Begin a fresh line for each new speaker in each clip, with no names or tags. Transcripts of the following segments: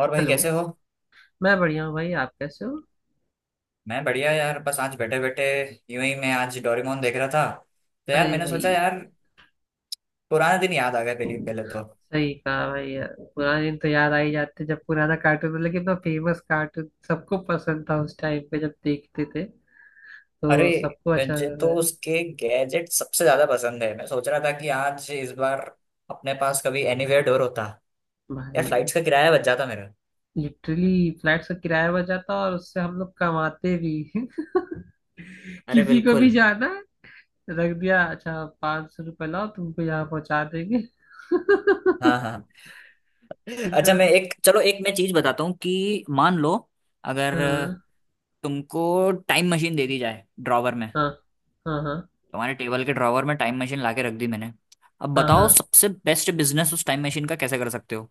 और भाई,
हेलो।
कैसे हो?
मैं बढ़िया हूँ भाई, आप कैसे हो।
मैं बढ़िया यार, बस आज बैठे बैठे यूं ही मैं आज डोरेमोन देख रहा था। तो यार
अरे
मैंने
भाई,
सोचा, यार पुराने दिन याद आ गए, पहले पहले तो
सही कहा भाई, यार पुराने दिन तो याद आ ही जाते जब पुराना कार्टून मतलब कि इतना फेमस कार्टून सबको पसंद था उस टाइम पे, जब देखते थे
अरे,
तो सबको अच्छा
मुझे तो
लगता
उसके गैजेट सबसे ज्यादा पसंद है। मैं सोच रहा था कि आज इस बार अपने पास कभी एनीवेयर डोर होता,
था
यार
भाई।
फ्लाइट्स का किराया बच जाता मेरा।
लिटरली फ्लैट का किराया बच जाता और उससे हम लोग कमाते भी
अरे
किसी को भी
बिल्कुल।
जाना है, रख दिया, अच्छा 500 रुपये लाओ, तुमको यहाँ पहुंचा देंगे कितना।
हाँ हाँ, अच्छा मैं एक चलो, एक मैं चीज बताता हूँ कि मान लो, अगर
हाँ
तुमको टाइम मशीन दे दी जाए ड्रॉवर में,
हाँ। हाँ हाँ।
तुम्हारे टेबल के ड्रॉवर में टाइम मशीन लाके रख दी मैंने। अब
हाँ हाँ।
बताओ, सबसे बेस्ट बिजनेस उस टाइम मशीन का कैसे कर सकते हो?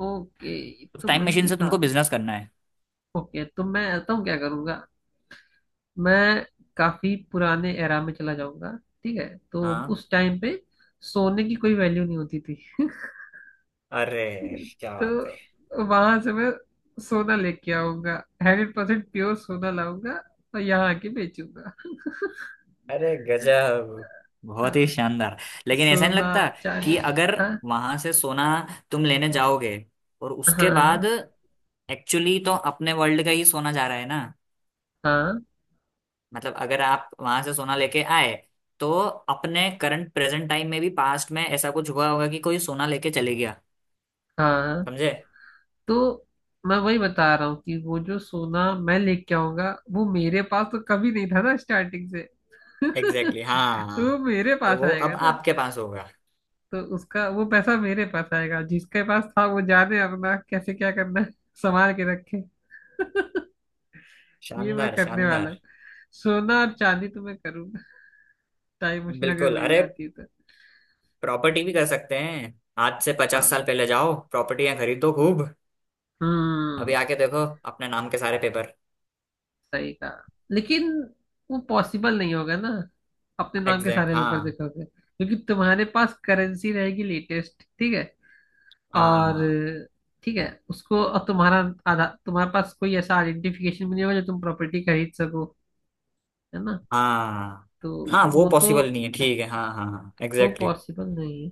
ओके,
उस
तो
टाइम
मतलब
मशीन
ये
से तुमको
काफी।
बिजनेस करना है।
ओके, तो मैं तो क्या करूंगा। मैं काफी पुराने एरा में चला जाऊंगा। ठीक है, तो
हाँ,
उस टाइम पे सोने की कोई वैल्यू नहीं होती थी
अरे
ठीक है।
क्या बात है!
तो वहां से मैं सोना लेके आऊंगा, 100% प्योर सोना लाऊंगा, और यहाँ आके बेचूंगा।
अरे गजब, बहुत ही
हाँ,
शानदार। लेकिन ऐसा नहीं
सोना,
लगता
चांदी।
कि अगर
हाँ
वहां से सोना तुम लेने जाओगे, और
हाँ।
उसके बाद
हाँ
एक्चुअली तो अपने वर्ल्ड का ही सोना जा रहा है ना?
हाँ।
मतलब अगर आप वहां से सोना लेके आए, तो अपने करंट प्रेजेंट टाइम में भी पास्ट में ऐसा कुछ हुआ होगा कि कोई सोना लेके चले गया।
हाँ।
समझे?
तो मैं वही बता रहा हूँ कि वो जो सोना मैं लेके आऊंगा वो मेरे पास तो कभी नहीं था ना स्टार्टिंग से
एग्जैक्टली exactly,
तो वो
हाँ।
मेरे
तो
पास
वो
आएगा
अब
ना।
आपके पास होगा।
तो उसका वो पैसा मेरे पास आएगा, जिसके पास था वो जाने अपना कैसे क्या करना है, संभाल के रखे ये मैं
शानदार
करने वाला
शानदार।
हूँ। सोना और चांदी तो मैं करूंगा, टाइम मशीन अगर
बिल्कुल
मिल
अरे,
जाती है तो।
प्रॉपर्टी भी कर सकते हैं। आज से पचास
हाँ।
साल पहले जाओ, प्रॉपर्टियां खरीदो खूब। अभी
हम्म।
आके देखो अपने नाम के सारे पेपर।
सही कहा, लेकिन वो पॉसिबल नहीं होगा ना। अपने नाम के सारे
एग्जैक्ट
पेपर
हाँ,
देखोगे क्योंकि तुम्हारे पास करेंसी रहेगी लेटेस्ट। ठीक है और
हाँ।
ठीक है उसको, और तुम्हारा आधा, तुम्हारे पास कोई ऐसा आइडेंटिफिकेशन भी नहीं होगा जो तुम प्रॉपर्टी खरीद सको, है ना।
हाँ
तो
हाँ, वो
वो तो,
पॉसिबल नहीं है, ठीक है। हाँ हाँ हाँ
वो
एग्जैक्टली।
पॉसिबल नहीं है,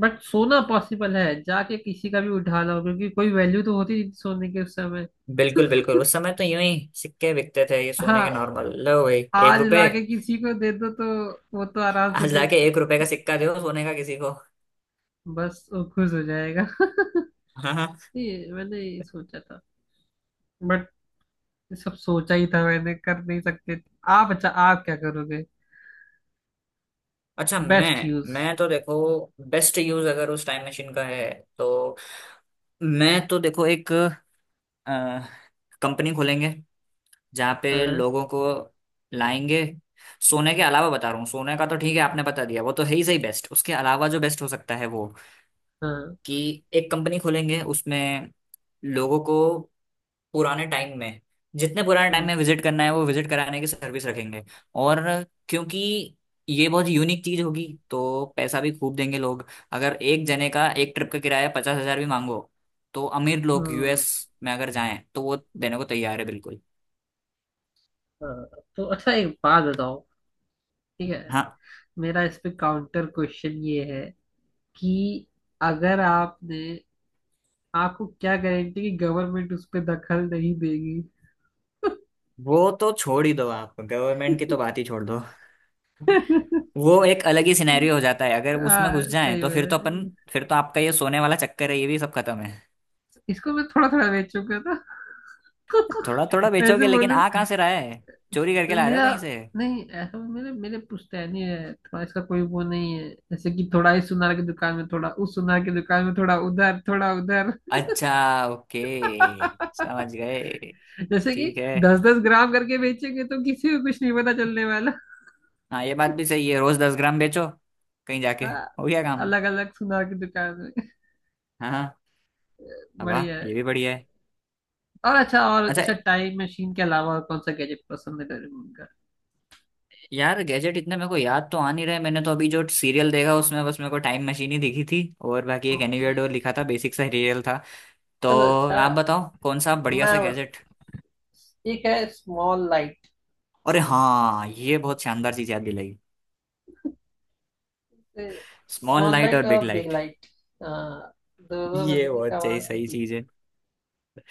बट सोना पॉसिबल है, जाके किसी का भी उठा लो क्योंकि कोई वैल्यू तो होती नहीं सोने के उस समय
बिल्कुल बिल्कुल, उस समय तो यूं ही सिक्के बिकते थे ये सोने के,
हाँ,
नॉर्मल लो भाई। एक
आज
रुपए
लाके किसी को दे दो तो वो तो आराम से
आज
दे,
लाके 1 रुपए का सिक्का दो सोने का किसी को।
बस वो खुश हो जाएगा ये मैंने ये सोचा था, बट ये सब सोचा ही था, मैंने कर नहीं सकते थे। आप, अच्छा, आप क्या करोगे,
अच्छा मैं
बेस्ट यूज।
मैं तो देखो बेस्ट यूज अगर उस टाइम मशीन का है तो, मैं तो देखो एक कंपनी खोलेंगे जहाँ पे
हाँ
लोगों को लाएंगे। सोने के अलावा बता रहा हूँ, सोने का तो ठीक है आपने बता दिया, वो तो है ही सही बेस्ट। उसके अलावा जो बेस्ट हो सकता है वो,
हाँ।
कि एक कंपनी खोलेंगे, उसमें लोगों को पुराने टाइम में, जितने पुराने टाइम
हम्म।
में विजिट करना है वो विजिट कराने की सर्विस रखेंगे। और क्योंकि ये बहुत यूनिक चीज होगी, तो पैसा भी खूब देंगे लोग। अगर एक जने का एक ट्रिप का किराया 50,000 भी मांगो, तो अमीर लोग
हम्म,
यूएस में अगर जाएं तो वो देने को तैयार है बिल्कुल।
हाँ। तो अच्छा, एक बात बताओ, ठीक है,
हाँ,
मेरा इस पे काउंटर क्वेश्चन ये है कि अगर आपने, आपको क्या गारंटी कि गवर्नमेंट उस पे दखल नहीं देगी।
वो तो छोड़ ही दो, आप गवर्नमेंट की तो बात ही छोड़ दो। वो एक अलग ही सिनेरियो हो जाता है, अगर उसमें घुस
हाँ,
जाए
सही
तो फिर तो अपन,
बोला।
फिर तो आपका ये सोने वाला चक्कर है ये भी सब खत्म है।
इसको मैं थोड़ा थोड़ा बेच चुका था
थोड़ा थोड़ा
ऐसे
बेचोगे, लेकिन
बोलूं
आ कहाँ से रहा है? चोरी करके ला रहे हो
मेरा,
कहीं से?
नहीं ऐसा मेरे मेरे पुश्तैनी है, थोड़ा इसका कोई वो नहीं है, जैसे कि थोड़ा इस सुनार की दुकान में, थोड़ा उस सुनार की दुकान में, थोड़ा उधर, थोड़ा उधर
अच्छा ओके, समझ गए।
जैसे कि
ठीक है,
10-10 ग्राम करके बेचेंगे तो किसी को कुछ नहीं पता चलने वाला।
हाँ ये बात भी सही है, रोज 10 ग्राम बेचो, कहीं जाके हो गया काम।
अलग अलग सुनार की दुकान में
हाँ हाँ, वाह
बढ़िया
ये
है।
भी बढ़िया है।
और अच्छा, और
अच्छा
अच्छा, टाइम मशीन के अलावा और कौन सा गैजेट पसंद है तेरे को उनका।
यार, गैजेट इतने मेरे को याद तो आ नहीं रहे। मैंने तो अभी जो सीरियल देखा उसमें बस मेरे को टाइम मशीन ही दिखी थी, और बाकी एक
ओके।
एनीवेयर डोर लिखा था, बेसिक सा सीरियल था। तो
चलो अच्छा।
आप बताओ, कौन सा बढ़िया सा
मैं,
गैजेट?
एक है स्मॉल लाइट।
अरे हाँ, ये बहुत शानदार चीज याद दिलाई। स्मॉल
स्मॉल
लाइट और
लाइट
बिग
और बिग
लाइट,
लाइट दोनों
ये
मतलब कि
बहुत सही
कमाल की
सही
चीज
चीज
है।
है।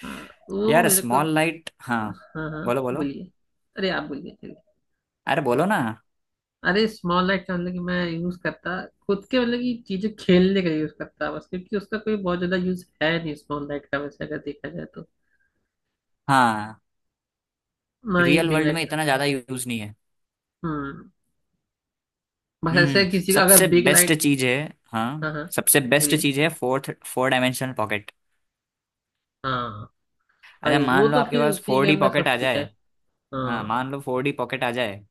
हाँ, वो
यार
मेरे को।
स्मॉल लाइट, हाँ,
हाँ
बोलो
हाँ।
बोलो,
बोलिए। अरे आप बोलिए, चलिए।
अरे बोलो ना।
अरे स्मॉल लाइट का मतलब कि मैं यूज करता खुद के, मतलब कि चीजें खेलने का यूज करता बस, क्योंकि उसका कोई बहुत ज्यादा यूज है नहीं स्मॉल लाइट का वैसे अगर देखा जाए तो।
हाँ,
ना ये
रियल
बिग
वर्ल्ड
लाइट
में
का।
इतना ज्यादा यूज नहीं है।
हम्म। बस
हम्म
ऐसे
हम्म।
किसी का अगर
सबसे
बिग
बेस्ट
लाइट।
चीज है। हाँ,
हाँ हाँ।
सबसे बेस्ट
बोलिए।
चीज है फोर डायमेंशनल पॉकेट।
हाँ,
अच्छा
भाई वो
मान लो
तो
आपके
फिर
पास
उसी के
फोर डी
अंदर
पॉकेट
सब
आ
कुछ है।
जाए, हाँ
हाँ।
मान लो फोर डी पॉकेट आ जाए,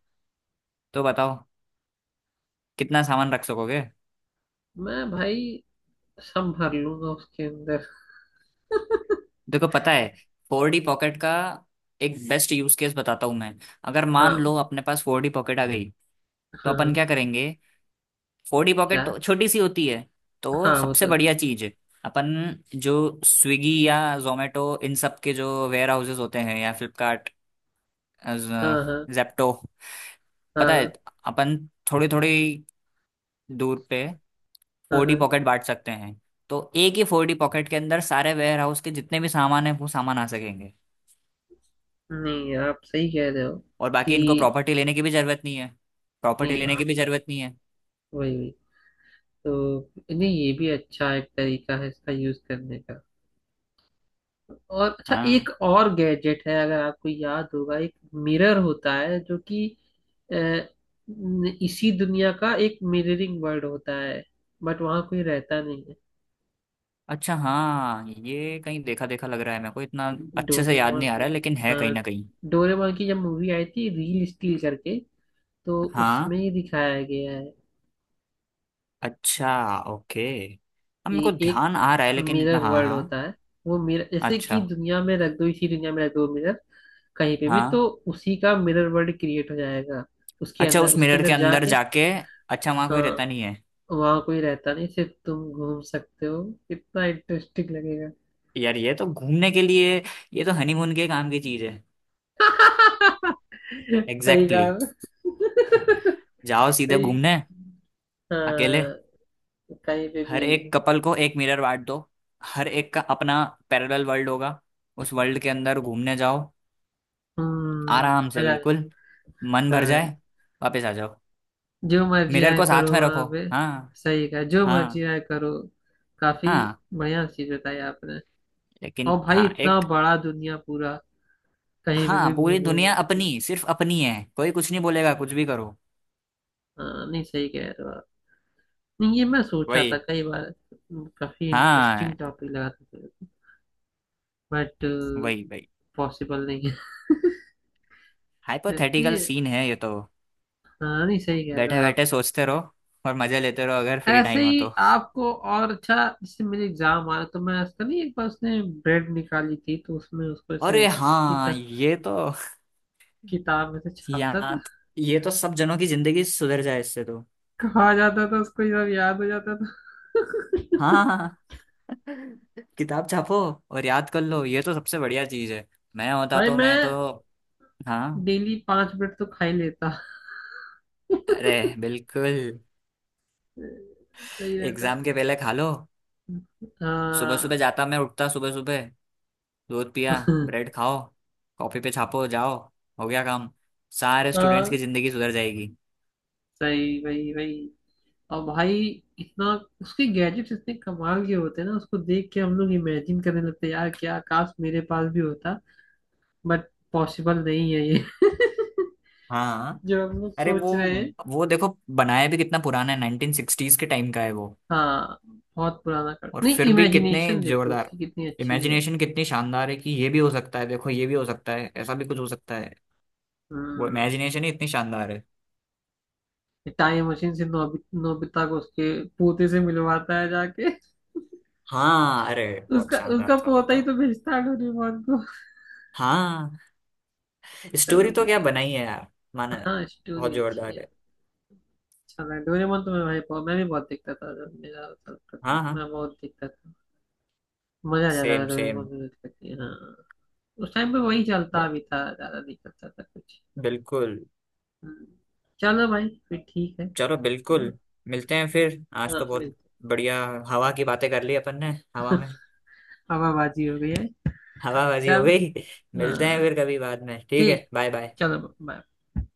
तो बताओ कितना सामान रख सकोगे?
मैं भाई संभाल लूंगा उसके अंदर।
देखो पता है, फोर डी पॉकेट का एक बेस्ट यूज केस बताता हूँ मैं। अगर मान
हाँ
लो अपने पास फोर डी पॉकेट आ गई, तो
हाँ।
अपन
हाँ,
क्या करेंगे? फोडी
क्या।
पॉकेट तो छोटी सी होती है, तो
हाँ वो
सबसे
तो।
बढ़िया चीज है, अपन जो स्विगी या जोमेटो इन सब के जो वेयर हाउसेज होते हैं, या फ्लिपकार्ट,
हाँ हाँ।
जेप्टो, पता
हाँ
है अपन थोड़ी थोड़ी दूर पे
हाँ।
फोडी
हाँ,
पॉकेट बांट सकते हैं। तो एक ही फोडी पॉकेट के अंदर सारे वेयर हाउस के जितने भी सामान है वो सामान आ सकेंगे।
नहीं आप सही कह रहे हो
और बाकी
कि।
इनको प्रॉपर्टी लेने की भी जरूरत नहीं है, प्रॉपर्टी
नहीं
लेने की
आप,
भी जरूरत नहीं है।
वही वही। तो नहीं, ये भी अच्छा एक तरीका है इसका यूज करने का। और अच्छा, एक
हाँ
और गैजेट है अगर आपको याद होगा, एक मिरर होता है जो कि इसी दुनिया का एक मिररिंग वर्ल्ड होता है, बट वहां कोई रहता नहीं।
अच्छा, हाँ ये कहीं देखा देखा लग रहा है मेरे को। इतना अच्छे से याद
डोरेमोन
नहीं आ रहा
में।
है, लेकिन है कहीं
हाँ,
ना कहीं।
डोरेमोन की जब मूवी आई थी रील स्टील करके, तो
हाँ
उसमें ही दिखाया गया है
अच्छा ओके, अब मेरे को
कि एक
ध्यान आ रहा है लेकिन, इतना
मिरर
हाँ
वर्ल्ड
हाँ।
होता है। वो मिरर जैसे कि
अच्छा
दुनिया में रख दो, इसी दुनिया में रख दो मिरर कहीं पे भी,
हाँ,
तो उसी का मिरर वर्ल्ड क्रिएट हो जाएगा। उसके
अच्छा
अंदर
उस
उसके
मिरर के
अंदर
अंदर
जाके।
जाके अच्छा, वहां कोई
हाँ,
रहता नहीं है?
वहां कोई रहता नहीं, सिर्फ तुम घूम सकते हो, कितना इंटरेस्टिंग लगेगा।
यार ये तो घूमने के लिए, ये तो हनीमून के काम की चीज है।
सही
एग्जैक्टली
कहा।
exactly. जाओ सीधे
सही।
घूमने, अकेले,
हाँ, कहीं पे भी।
हर एक कपल को एक मिरर बांट दो, हर एक का अपना पैरेलल वर्ल्ड होगा, उस वर्ल्ड के अंदर घूमने जाओ
हम्म,
आराम से,
मजा आ
बिल्कुल, मन
जाता है।
भर
हाँ,
जाए वापस आ जाओ,
जो मर्जी
मिरर
आए
को
करो
साथ में
वहां
रखो।
पे।
हाँ,
सही कहा, जो मर्जी
हाँ,
आए करो। काफी
हाँ
बढ़िया चीज बताई आपने।
लेकिन,
और भाई,
हाँ
इतना
एक,
बड़ा दुनिया पूरा, कहीं पे
हाँ
भी
पूरी
घूमो।
दुनिया अपनी, सिर्फ अपनी है, कोई कुछ नहीं बोलेगा, कुछ भी करो।
हाँ, नहीं सही कह रहे हो आप। नहीं, ये मैं सोचा था
वही,
कई बार, काफी
हाँ
इंटरेस्टिंग टॉपिक लगा था, बट
वही वही,
पॉसिबल नहीं है
हाइपोथेटिकल
नहीं,
सीन है ये तो,
हाँ नहीं सही कह रहे हो
बैठे
आप।
बैठे सोचते रहो और मजे लेते रहो अगर फ्री
ऐसे
टाइम हो
ही
तो।
आपको और अच्छा, जैसे मेरे एग्जाम आ रहा तो मैं उसका, नहीं एक बार उसने ब्रेड निकाली थी तो उसमें उसको ऐसे
अरे
किता,
हाँ, ये तो
किताब में से छापता था,
याद, ये तो सब जनों की जिंदगी सुधर जाए इससे तो।
कहा जाता था उसको ये सब याद हो जाता
हाँ हाँ,
था।
हाँ। किताब छापो और याद कर लो, ये तो सबसे बढ़िया चीज है। मैं होता
भाई,
तो मैं तो,
मैं
हाँ,
डेली 5 मिनट तो खा ही लेता।
अरे बिल्कुल।
सही रहता।
एग्जाम के पहले खा लो। सुबह
हाँ
सुबह जाता, मैं उठता सुबह सुबह, दूध पिया, ब्रेड खाओ, कॉपी पे छापो, जाओ हो गया काम, सारे स्टूडेंट्स की
हाँ।
जिंदगी सुधर जाएगी।
सही, वही वही। और भाई, इतना उसके गैजेट्स इतने कमाल के होते हैं ना, उसको देख के हम लोग इमेजिन करने लगते हैं यार क्या, काश मेरे पास भी होता, बट पॉसिबल नहीं है ये
हाँ,
जो हम लोग
अरे
सोच
वो
रहे हैं।
वो देखो बनाया भी कितना पुराना है, 1960s के टाइम का है वो।
हाँ, बहुत पुराना, कर
और
नहीं,
फिर भी कितने
इमेजिनेशन देखो
जोरदार
उसकी कितनी अच्छी है।
इमेजिनेशन, कितनी शानदार है कि ये भी हो सकता है, देखो ये भी हो सकता है, ऐसा भी कुछ हो सकता है। वो
हम्म।
इमेजिनेशन ही इतनी शानदार है।
टाइम मशीन से नोबिता को उसके पोते से मिलवाता है जाके।
हाँ, अरे बहुत
उसका, उसका
शानदार था वो
पोता
तो।
ही तो भेजता है डोरेमोन को।
हाँ
तब
स्टोरी तो
उसने
क्या
कहा,
बनाई है यार, माना
हाँ
बहुत
स्टोरी अच्छी
जोरदार
है।
है।
अच्छा लगा डोरेमोन तो, मैं भाई मैं भी बहुत देखता था, जब मेरा होता था
हाँ हाँ,
मैं बहुत देखता था। मजा आ जाता था
सेम
डोरेमोन
सेम,
को देख करके। हाँ, उस टाइम पे वही चलता भी था ज्यादा, नहीं करता था कुछ।
बिल्कुल।
हम्म, चलो भाई, फिर ठीक है।
चलो
चलो।
बिल्कुल, मिलते हैं फिर, आज तो
हाँ,
बहुत
मिलते।
बढ़िया हवा की बातें कर ली अपन ने, हवा में।
हवाबाजी हो गई है।
हवाबाजी हो
चलो।
गई। मिलते हैं
हाँ।
फिर कभी बाद में, ठीक
ठीक
है, बाय
ठीक,
बाय।
चलो, बाय।